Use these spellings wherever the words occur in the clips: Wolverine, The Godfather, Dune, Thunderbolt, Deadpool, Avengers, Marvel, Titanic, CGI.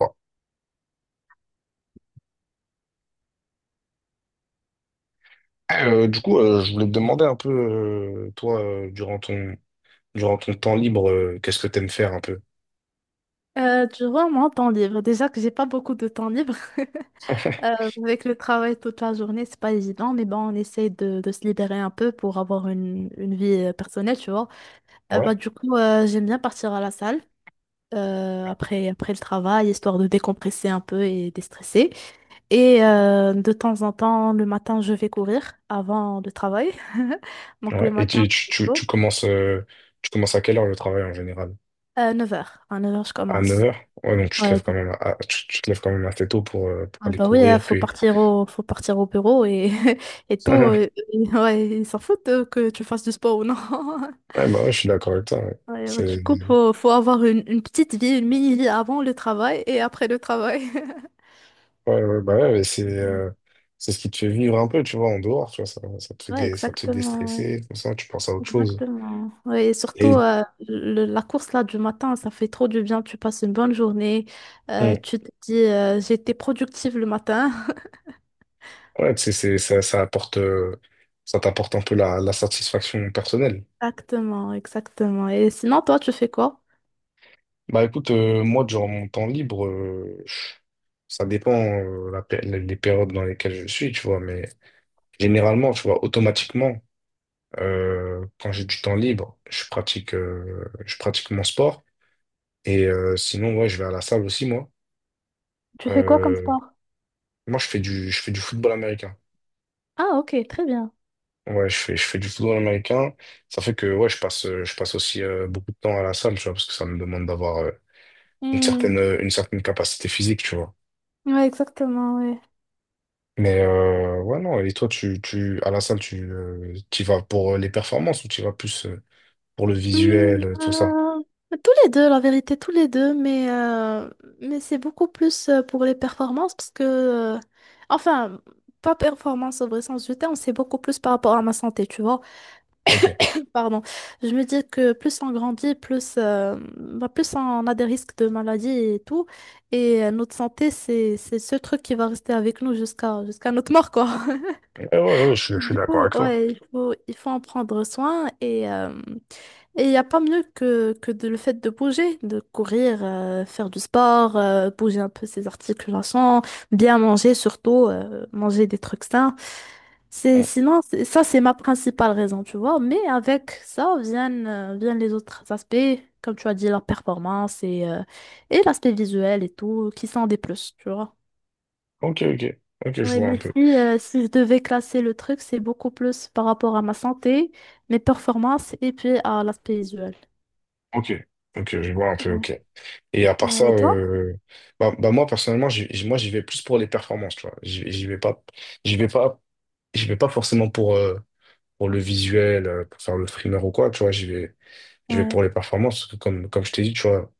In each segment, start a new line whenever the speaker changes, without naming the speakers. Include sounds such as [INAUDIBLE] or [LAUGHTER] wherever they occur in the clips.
Bon. Du coup, je voulais te demander un peu, toi, durant ton temps libre, qu'est-ce que t'aimes faire un peu?
Tu vois, moi, temps libre, déjà que j'ai pas beaucoup de temps libre, [LAUGHS] euh,
[LAUGHS]
avec le travail toute la journée, c'est pas évident, mais bon, on essaie de se libérer un peu pour avoir une vie personnelle, tu vois. Bah,
Ouais.
du coup, j'aime bien partir à la salle après le travail, histoire de décompresser un peu et déstresser. Et de temps en temps, le matin, je vais courir avant le travail. [LAUGHS] Donc, le
Ouais. Et
matin, très tôt.
tu commences à quelle heure le travail en général?
Neuf heures À 9 heures je
À neuf
commence.
heures. Ouais, donc
Ouais.
tu te lèves quand même assez tôt pour
Ah
aller
bah oui, hein,
courir, puis.
faut partir au bureau et, [LAUGHS] et tout.
[LAUGHS]
[LAUGHS] Ouais, ils s'en foutent que tu fasses du sport ou non. [LAUGHS]
Ouais, bah ouais, je suis d'accord avec toi, ouais.
Ouais, ouais,
C'est,
du coup, faut avoir une petite vie, une mini-vie avant le travail et après le travail. [LAUGHS]
ouais, ouais, bah ouais, mais
Ouais.
c'est ce qui te fait vivre un peu, tu vois, en dehors, tu vois,
Ouais,
ça te fait
exactement, ouais.
déstresser, comme ça, tu penses à autre chose.
Exactement. Ouais, et surtout,
Et,
la course là du matin, ça fait trop du bien. Tu passes une bonne journée. Tu te dis, j'ai été productive le matin. [LAUGHS]
Ouais c'est, ça apporte, ça t'apporte un peu la satisfaction personnelle.
Exactement, exactement. Et sinon, toi, tu fais quoi?
Bah écoute, moi, durant mon temps libre, ça dépend les périodes dans lesquelles je suis, tu vois, mais généralement, tu vois, automatiquement, quand j'ai du temps libre, je pratique mon sport. Et sinon, ouais, je vais à la salle aussi, moi.
Tu fais quoi comme
Euh,
sport?
moi, je fais du football américain.
Ah, ok, très bien.
Ouais, je fais du football américain. Ça fait que, ouais, je passe aussi beaucoup de temps à la salle, tu vois, parce que ça me demande d'avoir
Hmm.
une certaine capacité physique, tu vois.
Ouais, exactement, ouais.
Mais ouais, non, et toi, à la salle, tu vas pour les performances ou tu vas plus pour le
Hmm,
visuel, tout ça?
euh, Tous les deux, la vérité, tous les deux, mais c'est beaucoup plus pour les performances parce que, enfin, pas performance au vrai sens du terme, c'est beaucoup plus par rapport à ma santé, tu vois.
Ok.
[CLEARS THROAT] Pardon. Je me dis que plus on grandit, plus, bah, plus on a des risques de maladies et tout. Et notre santé, c'est ce truc qui va rester avec nous jusqu'à notre mort, quoi. [LAUGHS]
Ouais, ouais, ouais, je suis
Du
d'accord
coup,
avec toi.
ouais, il faut en prendre soin. Et. Et il n'y a pas mieux que de, le fait de bouger, de courir, faire du sport, bouger un peu ses articulations, bien manger surtout, manger des trucs sains.
Mm.
Sinon, ça, c'est ma principale raison, tu vois. Mais avec ça viennent les autres aspects, comme tu as dit, la performance et l'aspect visuel et tout, qui sont des plus, tu vois.
Ok, ok. Ok, je
Oui,
vois un
mais
peu.
si je devais classer le truc, c'est beaucoup plus par rapport à ma santé, mes performances et puis à l'aspect visuel.
Ok. Ok, je vois un peu, ok. Et à part ça,
Ouais. Et toi?
moi, personnellement, moi, j'y vais plus pour les performances, tu vois. J'y vais pas, J'y vais pas forcément pour le visuel, pour faire le streamer ou quoi, tu vois. Je vais
Ouais.
pour les performances, parce que comme je t'ai dit, tu vois,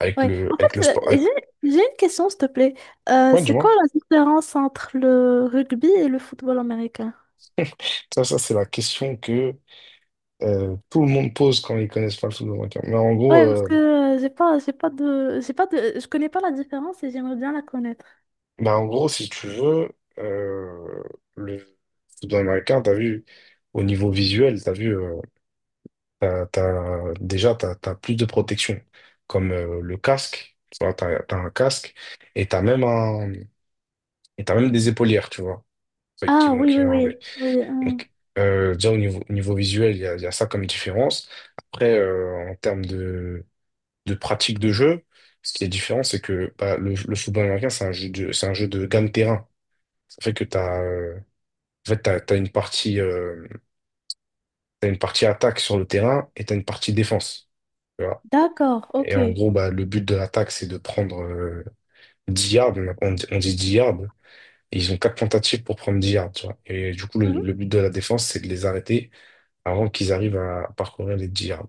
avec
Ouais. En
avec le
fait,
sport. Avec...
j'ai une question, s'il te plaît.
Ouais, du
C'est
moins,
quoi la différence entre le rugby et le football américain?
ça c'est la question que tout le monde pose quand ils connaissent pas le football américain. Mais
Ouais, parce que j'ai pas de, je connais pas la différence et j'aimerais bien la connaître.
en gros, si tu veux, euh, le football américain, t'as vu, au niveau visuel, t'as vu, déjà, t'as plus de protection, comme le casque, tu vois, t'as un casque, et t'as même un, et t'as même des épaulières, tu vois,
Ah oui,
qui
oui,
vont
oui,
avec.
oui. Hum.
Donc, déjà au niveau visuel, il y a ça comme différence. Après, en termes de pratique de jeu, ce qui est différent, c'est que bah, le football américain, c'est c'est un jeu de gain de terrain. Ça fait que tu as, en fait, t'as t'as une partie attaque sur le terrain et t'as une partie défense. Tu vois.
D'accord,
Et
ok.
en gros, bah, le but de l'attaque, c'est de prendre 10 yards. On dit 10 yards. Et ils ont quatre tentatives pour prendre 10 yards. Tu vois. Et du coup,
Mhm.
le but de la défense, c'est de les arrêter avant qu'ils arrivent à parcourir les 10 yards.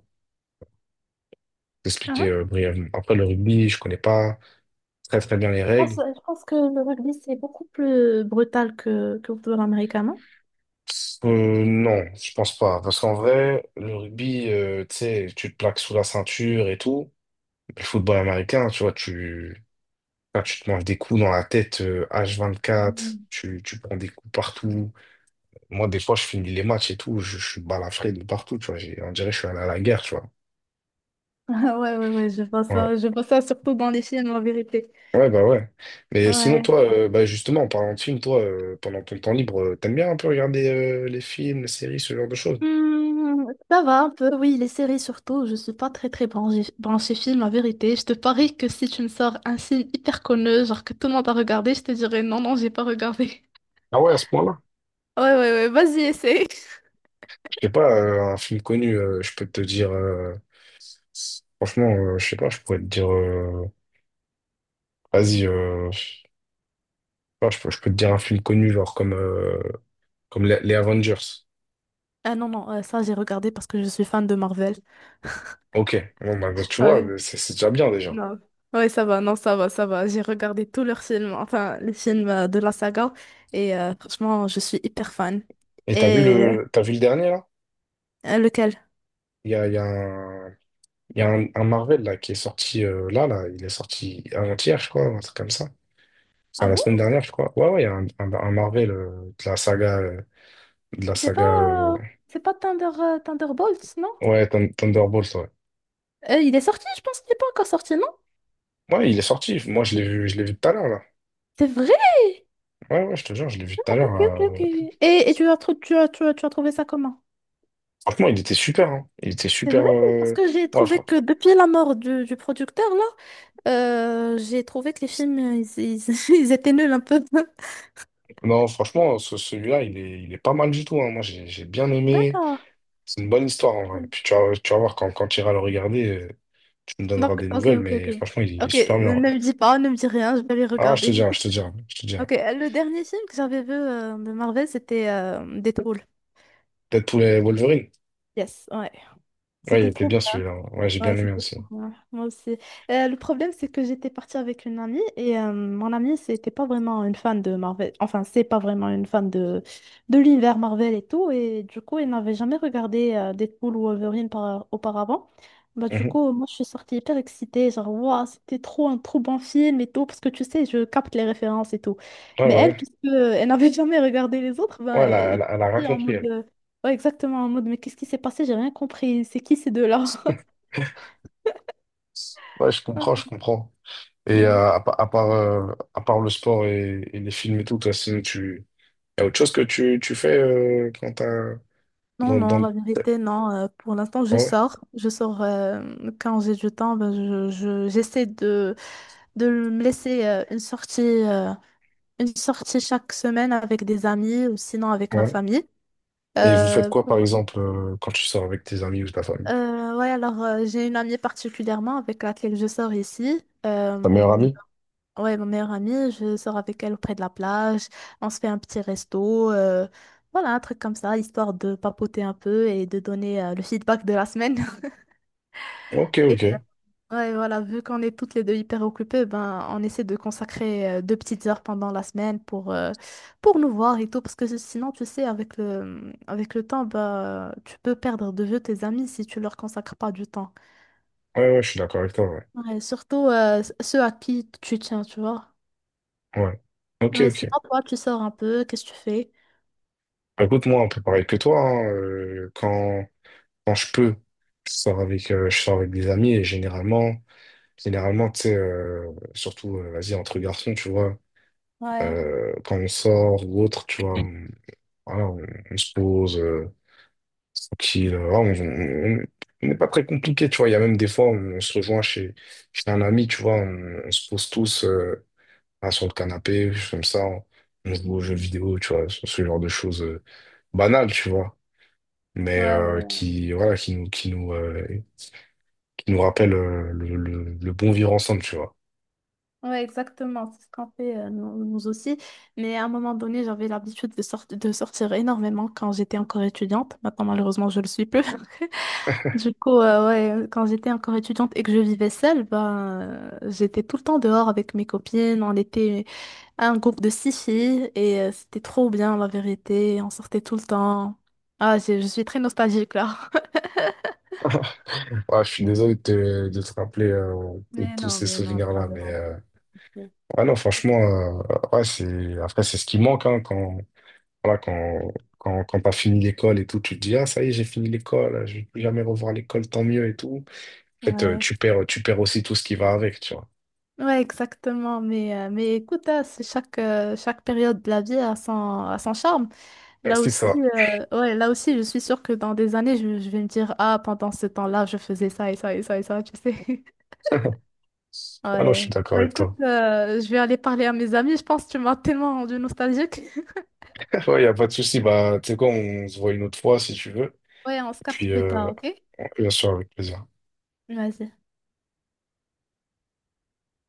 Expliquer
Ah,
brièvement. Après, le rugby, je connais pas très très bien les règles.
Je pense que le rugby c'est beaucoup plus brutal que le football américain, non?
Non, je pense pas. Parce qu'en vrai, le rugby, tu sais, tu te plaques sous la ceinture et tout. Le football américain, tu vois, enfin, tu te manges des coups dans la tête H24,
Mhm. [LAUGHS]
tu prends des coups partout. Moi, des fois, je finis les matchs et tout, je suis balafré de partout, tu vois. On dirait que je suis allé à la guerre, tu vois.
Ah, ouais, ouais, ouais,
Ouais.
je vois ça surtout dans les films, en vérité.
Ouais, bah ouais. Mais sinon,
Ouais.
toi, bah justement, en parlant de films, toi, pendant ton temps libre, t'aimes bien un peu regarder les films, les séries, ce genre de choses?
Ça va un peu, oui, les séries surtout. Je suis pas très très branchée, branchée film, la vérité. Je te parie que si tu me sors un film hyper connu, genre que tout le monde a regardé, je te dirais non, non, j'ai pas regardé. [LAUGHS]
Ah ouais, à ce point-là?
Ouais, ouais, ouais, vas-y, essaye.
Je sais pas, un film connu, je peux te dire, franchement, je sais pas, je pourrais te dire, vas-y, je sais pas, je peux te dire un film connu, genre comme les Avengers.
Ah non, non, ça j'ai regardé parce que je suis fan de Marvel.
Ok, bon, bah, tu vois,
Ouais,
c'est déjà bien déjà.
non. Ouais, ça va, non, ça va, ça va. J'ai regardé tous leurs films, enfin, les films de la saga, et franchement, je suis hyper fan.
Et
Et
t'as vu le dernier, là?
lequel?
Il y a un. Il y a un Marvel là, qui est sorti là, il est sorti avant-hier, je crois, un truc comme ça.
Ah
Enfin, la
bon?
semaine dernière, je crois. Ouais, ouais, il y a un Marvel de la sagade la saga. euh,
C'est pas Thunderbolts, non?
ouais, Thunderbolt, ouais.
Il est sorti, je pense qu'il n'est pas encore sorti, non?
Ouais, il est sorti. Moi, je l'ai vu tout à l'heure, là.
C'est vrai?
Ouais, ouais, je te jure, je l'ai vu tout à
Ok,
l'heure.
ok, ok.
euh,
Et tu as, tu as trouvé ça comment?
Franchement, il était super, hein. Il était
C'est
super.
vrai, parce
euh,
que j'ai
Ouais,
trouvé
fran-
que depuis la mort du producteur, là, j'ai trouvé que les films, [LAUGHS] ils étaient nuls un peu.
Non, franchement, celui-là, il est pas mal du tout, hein. Moi, j'ai bien aimé.
D'accord.
C'est une bonne histoire, en vrai. Puis tu vas voir quand tu iras le regarder. Tu me donneras
Donc,
des
ok,
nouvelles,
ok, ok.
mais franchement, il est
Ok,
super bien, ouais.
ne me dis rien, je vais les
Ah, je te
regarder.
dirai, je te
[LAUGHS]
dirai, je te dirai.
Ok, le dernier film que j'avais vu de Marvel, c'était Deadpool.
Deadpool et Wolverine.
Yes, ouais.
Ouais, il
C'était
était
trop
bien celui-là, hein. Ouais, j'ai bien
Ouais,
aimé
c'était
aussi.
trop bien. Moi aussi. Le problème, c'est que j'étais partie avec une amie et mon amie, c'était pas vraiment une fan de Marvel. Enfin, c'est pas vraiment une fan de l'univers Marvel et tout. Et du coup, elle n'avait jamais regardé Deadpool ou Wolverine auparavant. Bah, du
Mhm.
coup, moi, je suis sortie hyper excitée. Genre, waouh, c'était trop un trop bon film et tout. Parce que tu sais, je capte les références et tout.
Ouais, ouais,
Mais elle,
ouais.
puisque elle n'avait [LAUGHS] jamais regardé les autres,
Ouais,
bah, elle
elle a rien
était en
compris,
mode.
elle.
Ouais, exactement, en mode, mais qu'est-ce qui s'est passé? J'ai rien compris. C'est qui ces deux-là?
Ouais, je comprends,
[LAUGHS]
je comprends. Et
Oui.
à part le sport et les films et tout, toi, sinon, tu... y a autre chose que tu fais quand t'as...
Non,
Dans,
non,
dans...
la vérité, non. Pour l'instant, je
Ouais,
sors. Je sors quand j'ai du temps. Ben, j'essaie de me laisser une sortie chaque semaine avec des amis ou sinon avec ma
ouais.
famille.
Et vous faites
Euh,
quoi, par exemple, quand tu sors avec tes amis ou ta famille?
ouais, alors j'ai une amie particulièrement avec laquelle je sors ici.
Ta meilleure amie?
Ouais, ma meilleure amie, je sors avec elle auprès de la plage. On se fait un petit resto. Voilà, un truc comme ça, histoire de papoter un peu et de donner le feedback de la semaine.
Ok,
Et
ok. Ouais,
ouais, voilà, vu qu'on est toutes les deux hyper occupées, ben, on essaie de consacrer 2 petites heures pendant la semaine pour nous voir et tout. Parce que sinon, tu sais, avec le temps, bah, tu peux perdre de vue tes amis si tu leur consacres pas du temps.
ouais, je suis d'accord avec toi, ouais.
Ouais, surtout ceux à qui tu tiens, tu vois.
Ouais. Ok,
Ouais, sinon,
ok.
toi, tu sors un peu, qu'est-ce que tu fais?
Bah, écoute, moi, un peu pareil que toi, hein, quand je peux, je sors avec des amis et généralement, tu sais, surtout, vas-y, entre garçons, tu vois,
Ouais,
quand on sort ou autre, tu vois, voilà, on se pose. Qui on- On n'est pas très compliqué, tu vois. Il y a même des fois, se rejoint chez un ami, tu vois, on se pose tous là, sur le canapé, comme ça, on joue aux jeux vidéo, tu vois, ce genre de choses banales, tu vois, mais
ouais, ouais. Ouais.
qui, voilà, qui nous rappellent le bon vivre ensemble, tu vois.
Ouais, exactement, c'est ce qu'on fait nous, nous aussi. Mais à un moment donné, j'avais l'habitude de sortir énormément quand j'étais encore étudiante. Maintenant, malheureusement, je le suis plus. [LAUGHS] Du coup, ouais, quand j'étais encore étudiante et que je vivais seule, ben, j'étais tout le temps dehors avec mes copines. On était un groupe de six filles et c'était trop bien, la vérité. On sortait tout le temps. Ah, je suis très nostalgique là.
[LAUGHS] Ouais, je suis désolé de de te rappeler
[LAUGHS]
tous ces
Mais non, c'est pas
souvenirs-là, mais
grave. Ok.
ouais, non, franchement, ouais, après, c'est ce qui manque hein, voilà, quand t'as fini l'école et tout, tu te dis, ah, ça y est, j'ai fini l'école, je vais plus jamais revoir l'école, tant mieux et tout. En fait,
Ouais.
tu perds aussi tout ce qui va avec, tu vois.
Ouais, exactement. Mais écoute, hein, c'est chaque période de la vie a son charme.
Ouais,
Là
c'est
aussi,
ça.
ouais, là aussi, je suis sûre que dans des années, je vais me dire, ah, pendant ce temps-là, je faisais ça et ça et ça et ça, tu sais. [LAUGHS]
[LAUGHS] Ah non, je
Ouais.
suis d'accord
Bah,
avec
écoute,
toi.
je vais aller parler à mes amis. Je pense que tu m'as tellement rendue nostalgique. [LAUGHS]
[LAUGHS] Ouais, y a pas de souci. Bah, tu sais quoi, on se voit une autre fois si tu veux.
Ouais, on se
Et
capte
puis,
plus tard, ok?
bien sûr, avec plaisir.
Vas-y.